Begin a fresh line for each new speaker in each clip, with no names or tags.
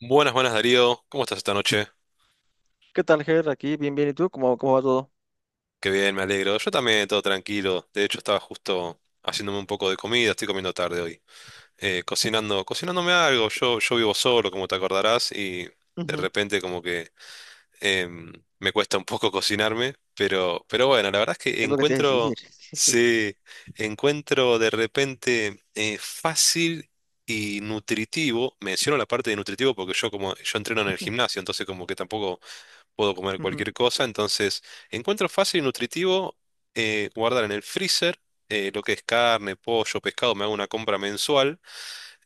Buenas, buenas Darío, ¿cómo estás esta noche?
¿Qué tal, Ger? Aquí, bien, bien. ¿Y tú? ¿Cómo va todo?
Qué bien, me alegro. Yo también, todo tranquilo. De hecho, estaba justo haciéndome un poco de comida, estoy comiendo tarde hoy. Cocinándome algo. Yo vivo solo, como te acordarás, y de
Ujú.
repente como que em, me cuesta un poco cocinarme, pero bueno, la verdad es que
Es lo que te iba a decir. Sí, sí.
sí, encuentro de repente fácil y nutritivo. Menciono la parte de nutritivo porque yo entreno en el
Mm,
gimnasio, entonces como que tampoco puedo comer cualquier
ujú,
cosa, entonces encuentro fácil y nutritivo guardar en el freezer lo que es carne, pollo, pescado, me hago una compra mensual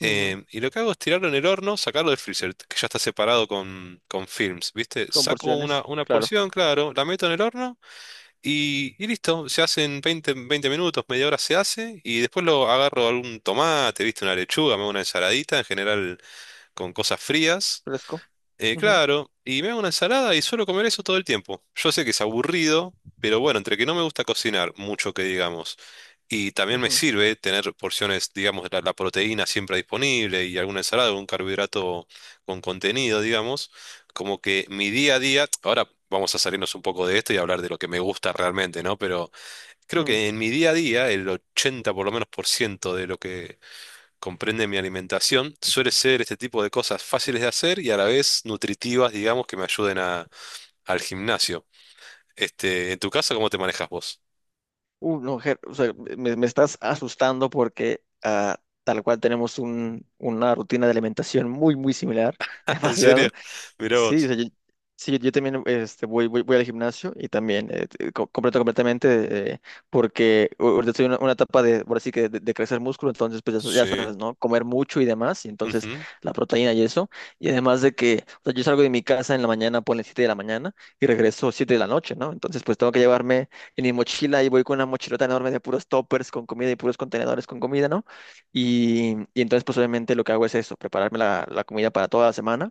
ujú.
y lo que hago es tirarlo en el horno, sacarlo del freezer, que ya está separado con films, ¿viste?
Con
Saco una,
porciones,
una
claro.
porción, claro, la meto en el horno y listo, se hace en veinte minutos, media hora se hace y después lo agarro algún tomate, ¿viste? Una lechuga, me hago una ensaladita, en general con cosas frías.
Fresco. Ujú,
Claro, y me hago una ensalada y suelo comer eso todo el tiempo. Yo sé que es aburrido, pero bueno, entre que no me gusta cocinar mucho que digamos, y también me
ujú,
sirve tener porciones, digamos, la proteína siempre disponible y alguna ensalada, algún carbohidrato con contenido, digamos. Como que mi día a día, ahora vamos a salirnos un poco de esto y hablar de lo que me gusta realmente, ¿no? Pero creo
ujú.
que en mi día a día, el 80 por lo menos por ciento de lo que comprende mi alimentación, suele ser este tipo de cosas fáciles de hacer y a la vez nutritivas, digamos, que me ayuden a, al gimnasio. ¿En tu casa cómo te manejas vos?
No, Ger, o sea, me estás asustando porque tal cual tenemos una rutina de alimentación muy, muy similar.
¿En serio?
Demasiado.
Mirá
Sí, o
vos.
sea, yo, sí, yo también este, voy al gimnasio y también completo completamente porque ahorita estoy en una etapa de, por así que de crecer músculo, entonces pues ya, ya
Sí.
sabes, ¿no? Comer mucho y demás, y entonces
Ujú,
la proteína y eso, y además de que, o sea, yo salgo de mi casa en la mañana, ponle 7 de la mañana y regreso 7 de la noche, ¿no? Entonces pues tengo que llevarme en mi mochila y voy con una mochilota enorme de puros toppers con comida y puros contenedores con comida, ¿no? Y entonces pues obviamente lo que hago es eso, prepararme la comida para toda la semana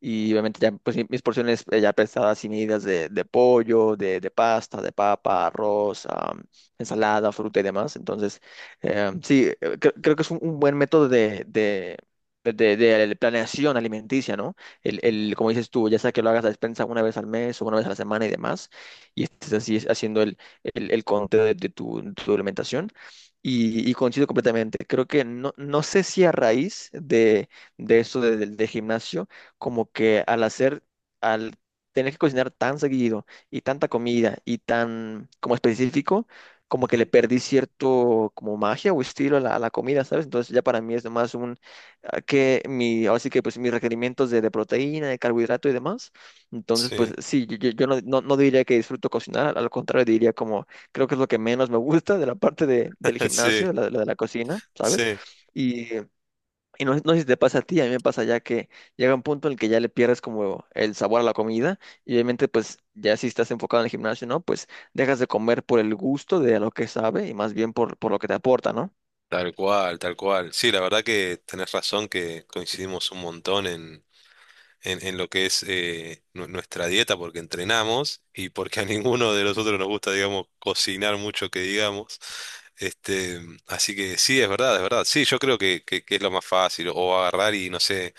y obviamente ya pues, mis porciones ya pesadas y medidas de pollo, de pasta, de papa, arroz, ensalada, fruta y demás. Entonces, sí, creo que es un buen método de planeación alimenticia, ¿no? El, como dices tú, ya sea que lo hagas a despensa una vez al mes o una vez a la semana y demás, y estés así haciendo el conteo de tu alimentación. Y coincido completamente. Creo que no, no sé si a raíz de esto del gimnasio, como que al tener que cocinar tan seguido y tanta comida y tan como específico, como que le
ujú.
perdí cierto como magia o estilo a la comida, ¿sabes? Entonces ya para mí es más un, ah, que mi, ahora sí que pues mis requerimientos de proteína, de carbohidrato y demás. Entonces pues
Sí.
sí, yo no diría que disfruto cocinar, al contrario diría como creo que es lo que menos me gusta de la parte del
Sí,
gimnasio, la de la cocina, ¿sabes?
sí.
Y y no, no sé si te pasa a ti, a mí me pasa ya que llega un punto en el que ya le pierdes como el sabor a la comida y obviamente pues ya si estás enfocado en el gimnasio, ¿no? Pues dejas de comer por el gusto de lo que sabe y más bien por lo que te aporta, ¿no?
Tal cual, tal cual. Sí, la verdad que tenés razón que coincidimos un montón en, en lo que es nuestra dieta porque entrenamos y porque a ninguno de nosotros nos gusta, digamos, cocinar mucho que digamos. Este, Así que sí, es verdad, es verdad. Sí, yo creo que, que es lo más fácil, o agarrar y no sé,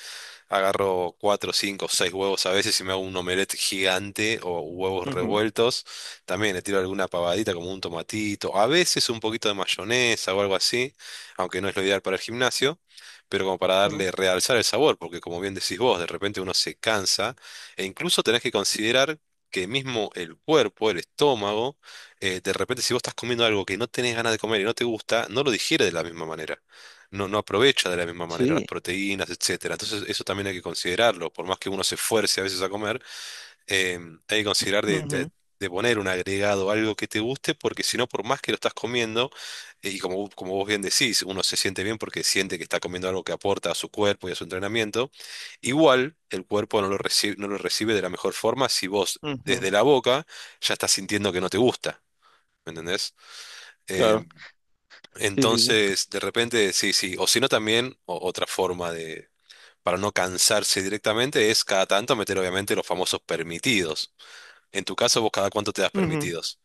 agarro cuatro, cinco, seis huevos a veces y me hago un omelette gigante o huevos
Ujú,
revueltos. También le tiro alguna pavadita como un tomatito, a veces un poquito de mayonesa o algo así, aunque no es lo ideal para el gimnasio, pero como para
ujú.
darle, realzar el sabor, porque como bien decís vos, de repente uno se cansa e incluso tenés que considerar que mismo el cuerpo, el estómago, de repente, si vos estás comiendo algo que no tenés ganas de comer y no te gusta, no lo digiere de la misma manera, no no aprovecha de la misma manera las
Sí.
proteínas, etcétera. Entonces, eso también hay que considerarlo. Por más que uno se esfuerce a veces a comer, eh, hay que considerar de, de-
Ujú,
de poner un agregado, algo que te guste, porque si no, por más que lo estás comiendo, y como, como vos bien decís, uno se siente bien porque siente que está comiendo algo que aporta a su cuerpo y a su entrenamiento, igual el cuerpo no lo recibe, no lo recibe de la mejor forma si vos
ujú.
desde la boca ya estás sintiendo que no te gusta. ¿Me entendés? Eh,
Claro. Sí, sí, sí.
entonces, de repente, sí, sí. O si no, también otra forma, de, para no cansarse directamente, es cada tanto meter, obviamente, los famosos permitidos. En tu caso, vos, ¿cada cuánto te das
Ujú.
permitidos?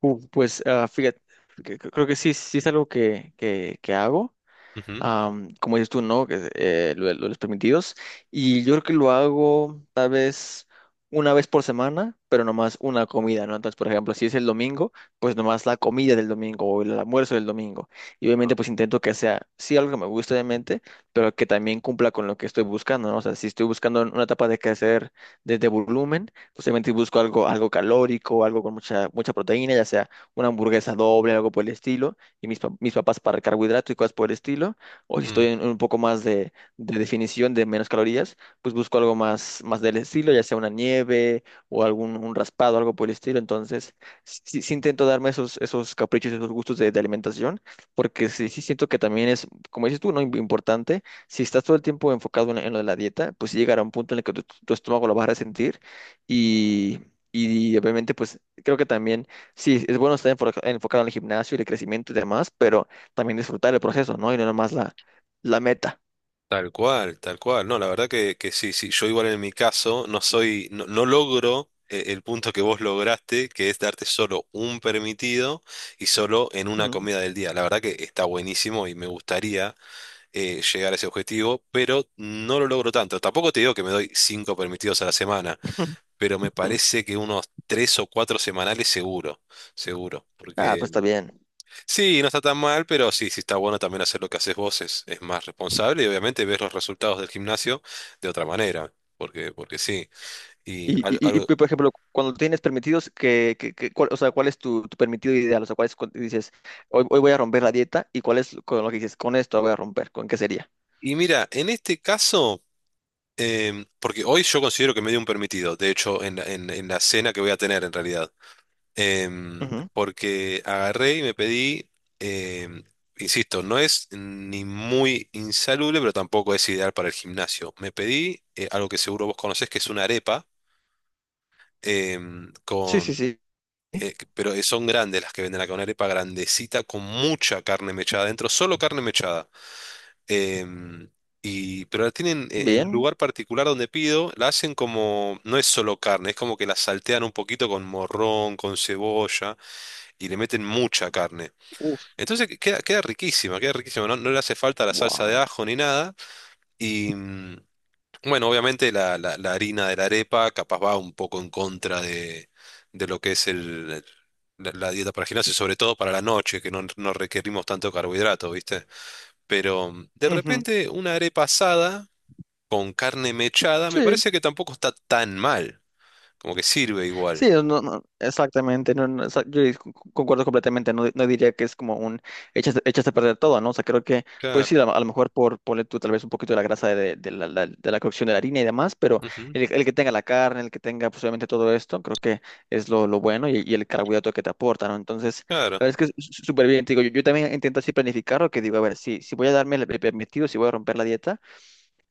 Pues fíjate, creo que sí, sí es algo que hago.
Ujú.
Como dices tú, ¿no? Que, de lo de los permitidos. Y yo creo que lo hago tal vez una vez por semana, pero nomás una comida, ¿no? Entonces, por ejemplo, si es el domingo, pues nomás la comida del domingo o el almuerzo del domingo. Y obviamente, pues intento que sea, sí, algo que me guste, obviamente, pero que también cumpla con lo que estoy buscando, ¿no? O sea, si estoy buscando una etapa de crecer desde volumen, pues obviamente busco algo, algo calórico, algo con mucha, mucha proteína, ya sea una hamburguesa doble, algo por el estilo y mis papas para carbohidrato y cosas por el estilo o si
Mm.
estoy en un poco más de definición de menos calorías, pues busco algo más, más del estilo, ya sea una nieve o algún un raspado, algo por el estilo. Entonces, sí, sí intento darme esos, esos caprichos, esos gustos de alimentación, porque sí, sí siento que también es, como dices tú, ¿no? Importante, si estás todo el tiempo enfocado en, lo de la dieta, pues sí llegará un punto en el que tu estómago lo vas a resentir y... Y obviamente, pues creo que también, sí, es bueno estar enfocado en el gimnasio y el crecimiento y demás, pero también disfrutar el proceso, ¿no? Y no nomás la meta.
Tal cual, tal cual. No, la verdad que sí, sí. Yo igual en mi caso no soy, no, no logro el punto que vos lograste, que es darte solo un permitido y solo en una
Ujú.
comida del día. La verdad que está buenísimo y me gustaría. Llegar a ese objetivo, pero no lo logro tanto. Tampoco te digo que me doy cinco permitidos a la semana, pero me parece que unos tres o cuatro semanales seguro, seguro.
Ah, pues
Porque
está bien.
sí, no está tan mal, pero sí, sí está bueno también hacer lo que haces vos, es más responsable y obviamente ves los resultados del gimnasio de otra manera, porque, porque sí. Y,
Y, y,
al-
y, y,
al-
por ejemplo, cuando tienes permitidos, o sea, ¿cuál es tu permitido ideal? O sea, ¿cuál es cuando dices, hoy voy a romper la dieta? ¿Y cuál es con lo que dices, con esto voy a romper? ¿Con qué sería?
y mira, en este caso... porque hoy yo considero que me dio un permitido, de hecho, en la, en la cena que voy a tener en realidad.
Ujú.
Porque agarré y me pedí, em, insisto, no es ni muy insalubre, pero tampoco es ideal para el gimnasio. Me pedí algo que seguro vos conocés, que es una arepa, em,
Sí, sí,
con,
sí.
pero son grandes las que venden acá, una arepa grandecita con mucha carne mechada adentro, solo carne mechada. Em, pero la tienen en un
Bien.
lugar particular donde pido, la hacen como, no es solo carne, es como que la saltean un poquito con morrón, con cebolla y le meten mucha carne.
Uf,
Entonces queda riquísima, queda riquísima. No, no le hace falta la salsa de
wow.
ajo ni nada. Y bueno, obviamente la, la harina de la arepa capaz va un poco en contra de lo que es el, la dieta para el gimnasio, sobre todo para la noche, que no, no requerimos tanto carbohidrato, ¿viste? Pero de
Ujú.
repente una arepa asada con carne mechada me
Sí.
parece que tampoco está tan mal. Como que sirve
Sí,
igual.
no, no, no, exactamente, no, no, yo concuerdo completamente, no, no diría que es como un echaste a perder todo, ¿no? O sea, creo que, pues
Claro.
sí, a lo mejor por ponle tú tal vez un poquito de la grasa de la cocción de la harina y demás, pero
Ujú.
el que tenga la carne, el que tenga pues obviamente todo esto, creo que es lo bueno y el carbohidrato que te aporta, ¿no? Entonces,
Claro.
la verdad es que es súper bien, te digo, yo también intento así planificarlo, que digo, a ver, si voy a darme el permitido, si voy a romper la dieta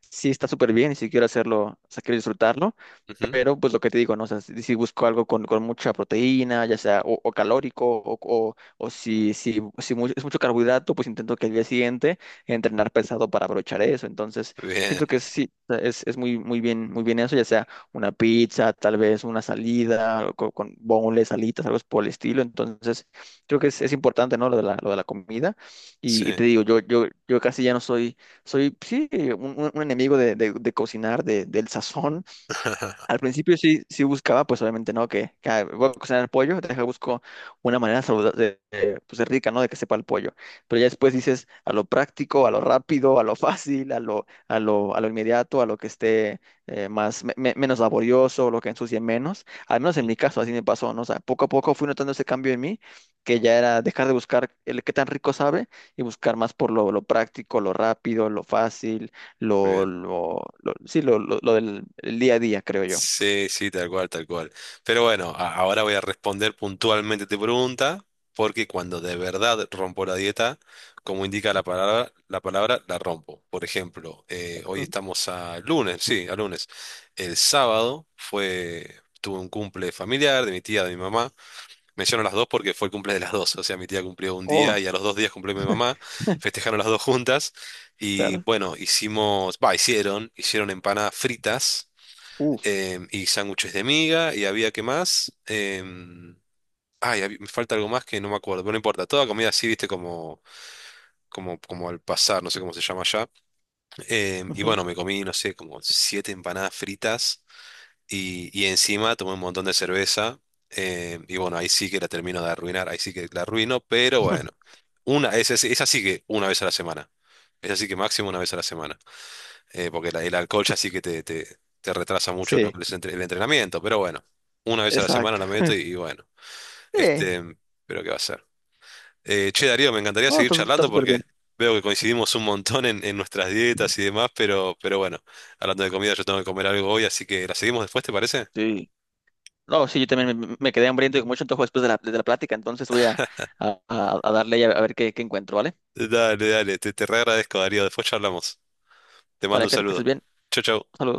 sí está súper bien y si quiero hacerlo, o sea, quiero disfrutarlo,
Ujú.
pero pues lo que te digo, ¿no? O sea, si busco algo con mucha proteína, ya sea o calórico, o si es mucho carbohidrato, pues intento que el día siguiente entrenar pesado para aprovechar eso. Entonces,
Bien.
siento que sí, o sea, es muy, muy bien eso, ya sea una pizza, tal vez una salida, con boneless, alitas, algo por el estilo. Entonces, creo que es importante, ¿no? Lo de la comida.
Sí.
Y te digo, yo casi ya no soy soy, sí, un enemigo de cocinar, del sazón, al principio sí, sí buscaba, pues obviamente no, que, voy a cocinar el pollo, deja busco una manera saludable, pues de rica, ¿no? De que sepa el pollo. Pero ya después dices a lo práctico, a lo rápido, a lo fácil, a lo inmediato, a lo que esté más, menos laborioso, lo que ensucie menos. Al menos en mi caso así me pasó, ¿no? O sea, poco a poco fui notando ese cambio en mí, que ya era dejar de buscar el qué tan rico sabe y buscar más por lo práctico, lo rápido, lo fácil
Muy bien.
sí, lo del el día a día, creo yo.
Sí, sí, tal cual, tal cual. Pero bueno, ahora voy a responder puntualmente tu pregunta, porque cuando de verdad rompo la dieta, como indica la palabra, la palabra, la rompo. Por ejemplo, hoy
Mm.
estamos a lunes, sí, a lunes. El sábado fue, tuve un cumple familiar de mi tía, de mi mamá. Menciono las dos porque fue el cumple de las dos. O sea, mi tía cumplió un día
Oh,
y a los 2 días cumplió mi mamá. Festejaron las dos juntas. Y
claro.
bueno, hicimos, va, hicieron empanadas fritas
Uf.
y sándwiches de miga, y había que más. Ay, me falta algo más que no me acuerdo, pero no importa, toda comida así, viste, como, como, como al pasar, no sé cómo se llama allá. Y
Ujú.
bueno, me comí, no sé, como siete empanadas fritas, y encima tomé un montón de cerveza. Y bueno, ahí sí que la termino de arruinar, ahí sí que la arruino, pero bueno, es así que una vez a la semana. Es así que máximo una vez a la semana, porque el alcohol ya sí que te, te retrasa mucho lo
Sí,
que es el entrenamiento, pero bueno, una vez a la semana
exacto.
la meto y bueno,
Sí.
este, pero qué va a ser. Che, Darío, me encantaría
Oh,
seguir
está
charlando
súper
porque
bien.
veo que coincidimos un montón en, nuestras dietas y demás, pero bueno, hablando de comida, yo tengo que comer algo hoy, así que la seguimos después, ¿te parece?
Sí. No, sí, yo también me quedé hambriento y con mucho antojo después de la plática, entonces voy a darle y a ver qué encuentro, ¿vale?
Dale, dale, te re agradezco, Darío, después charlamos. Te mando
Dale,
un
que
saludo.
estés bien.
Chau, chau.
Saludos.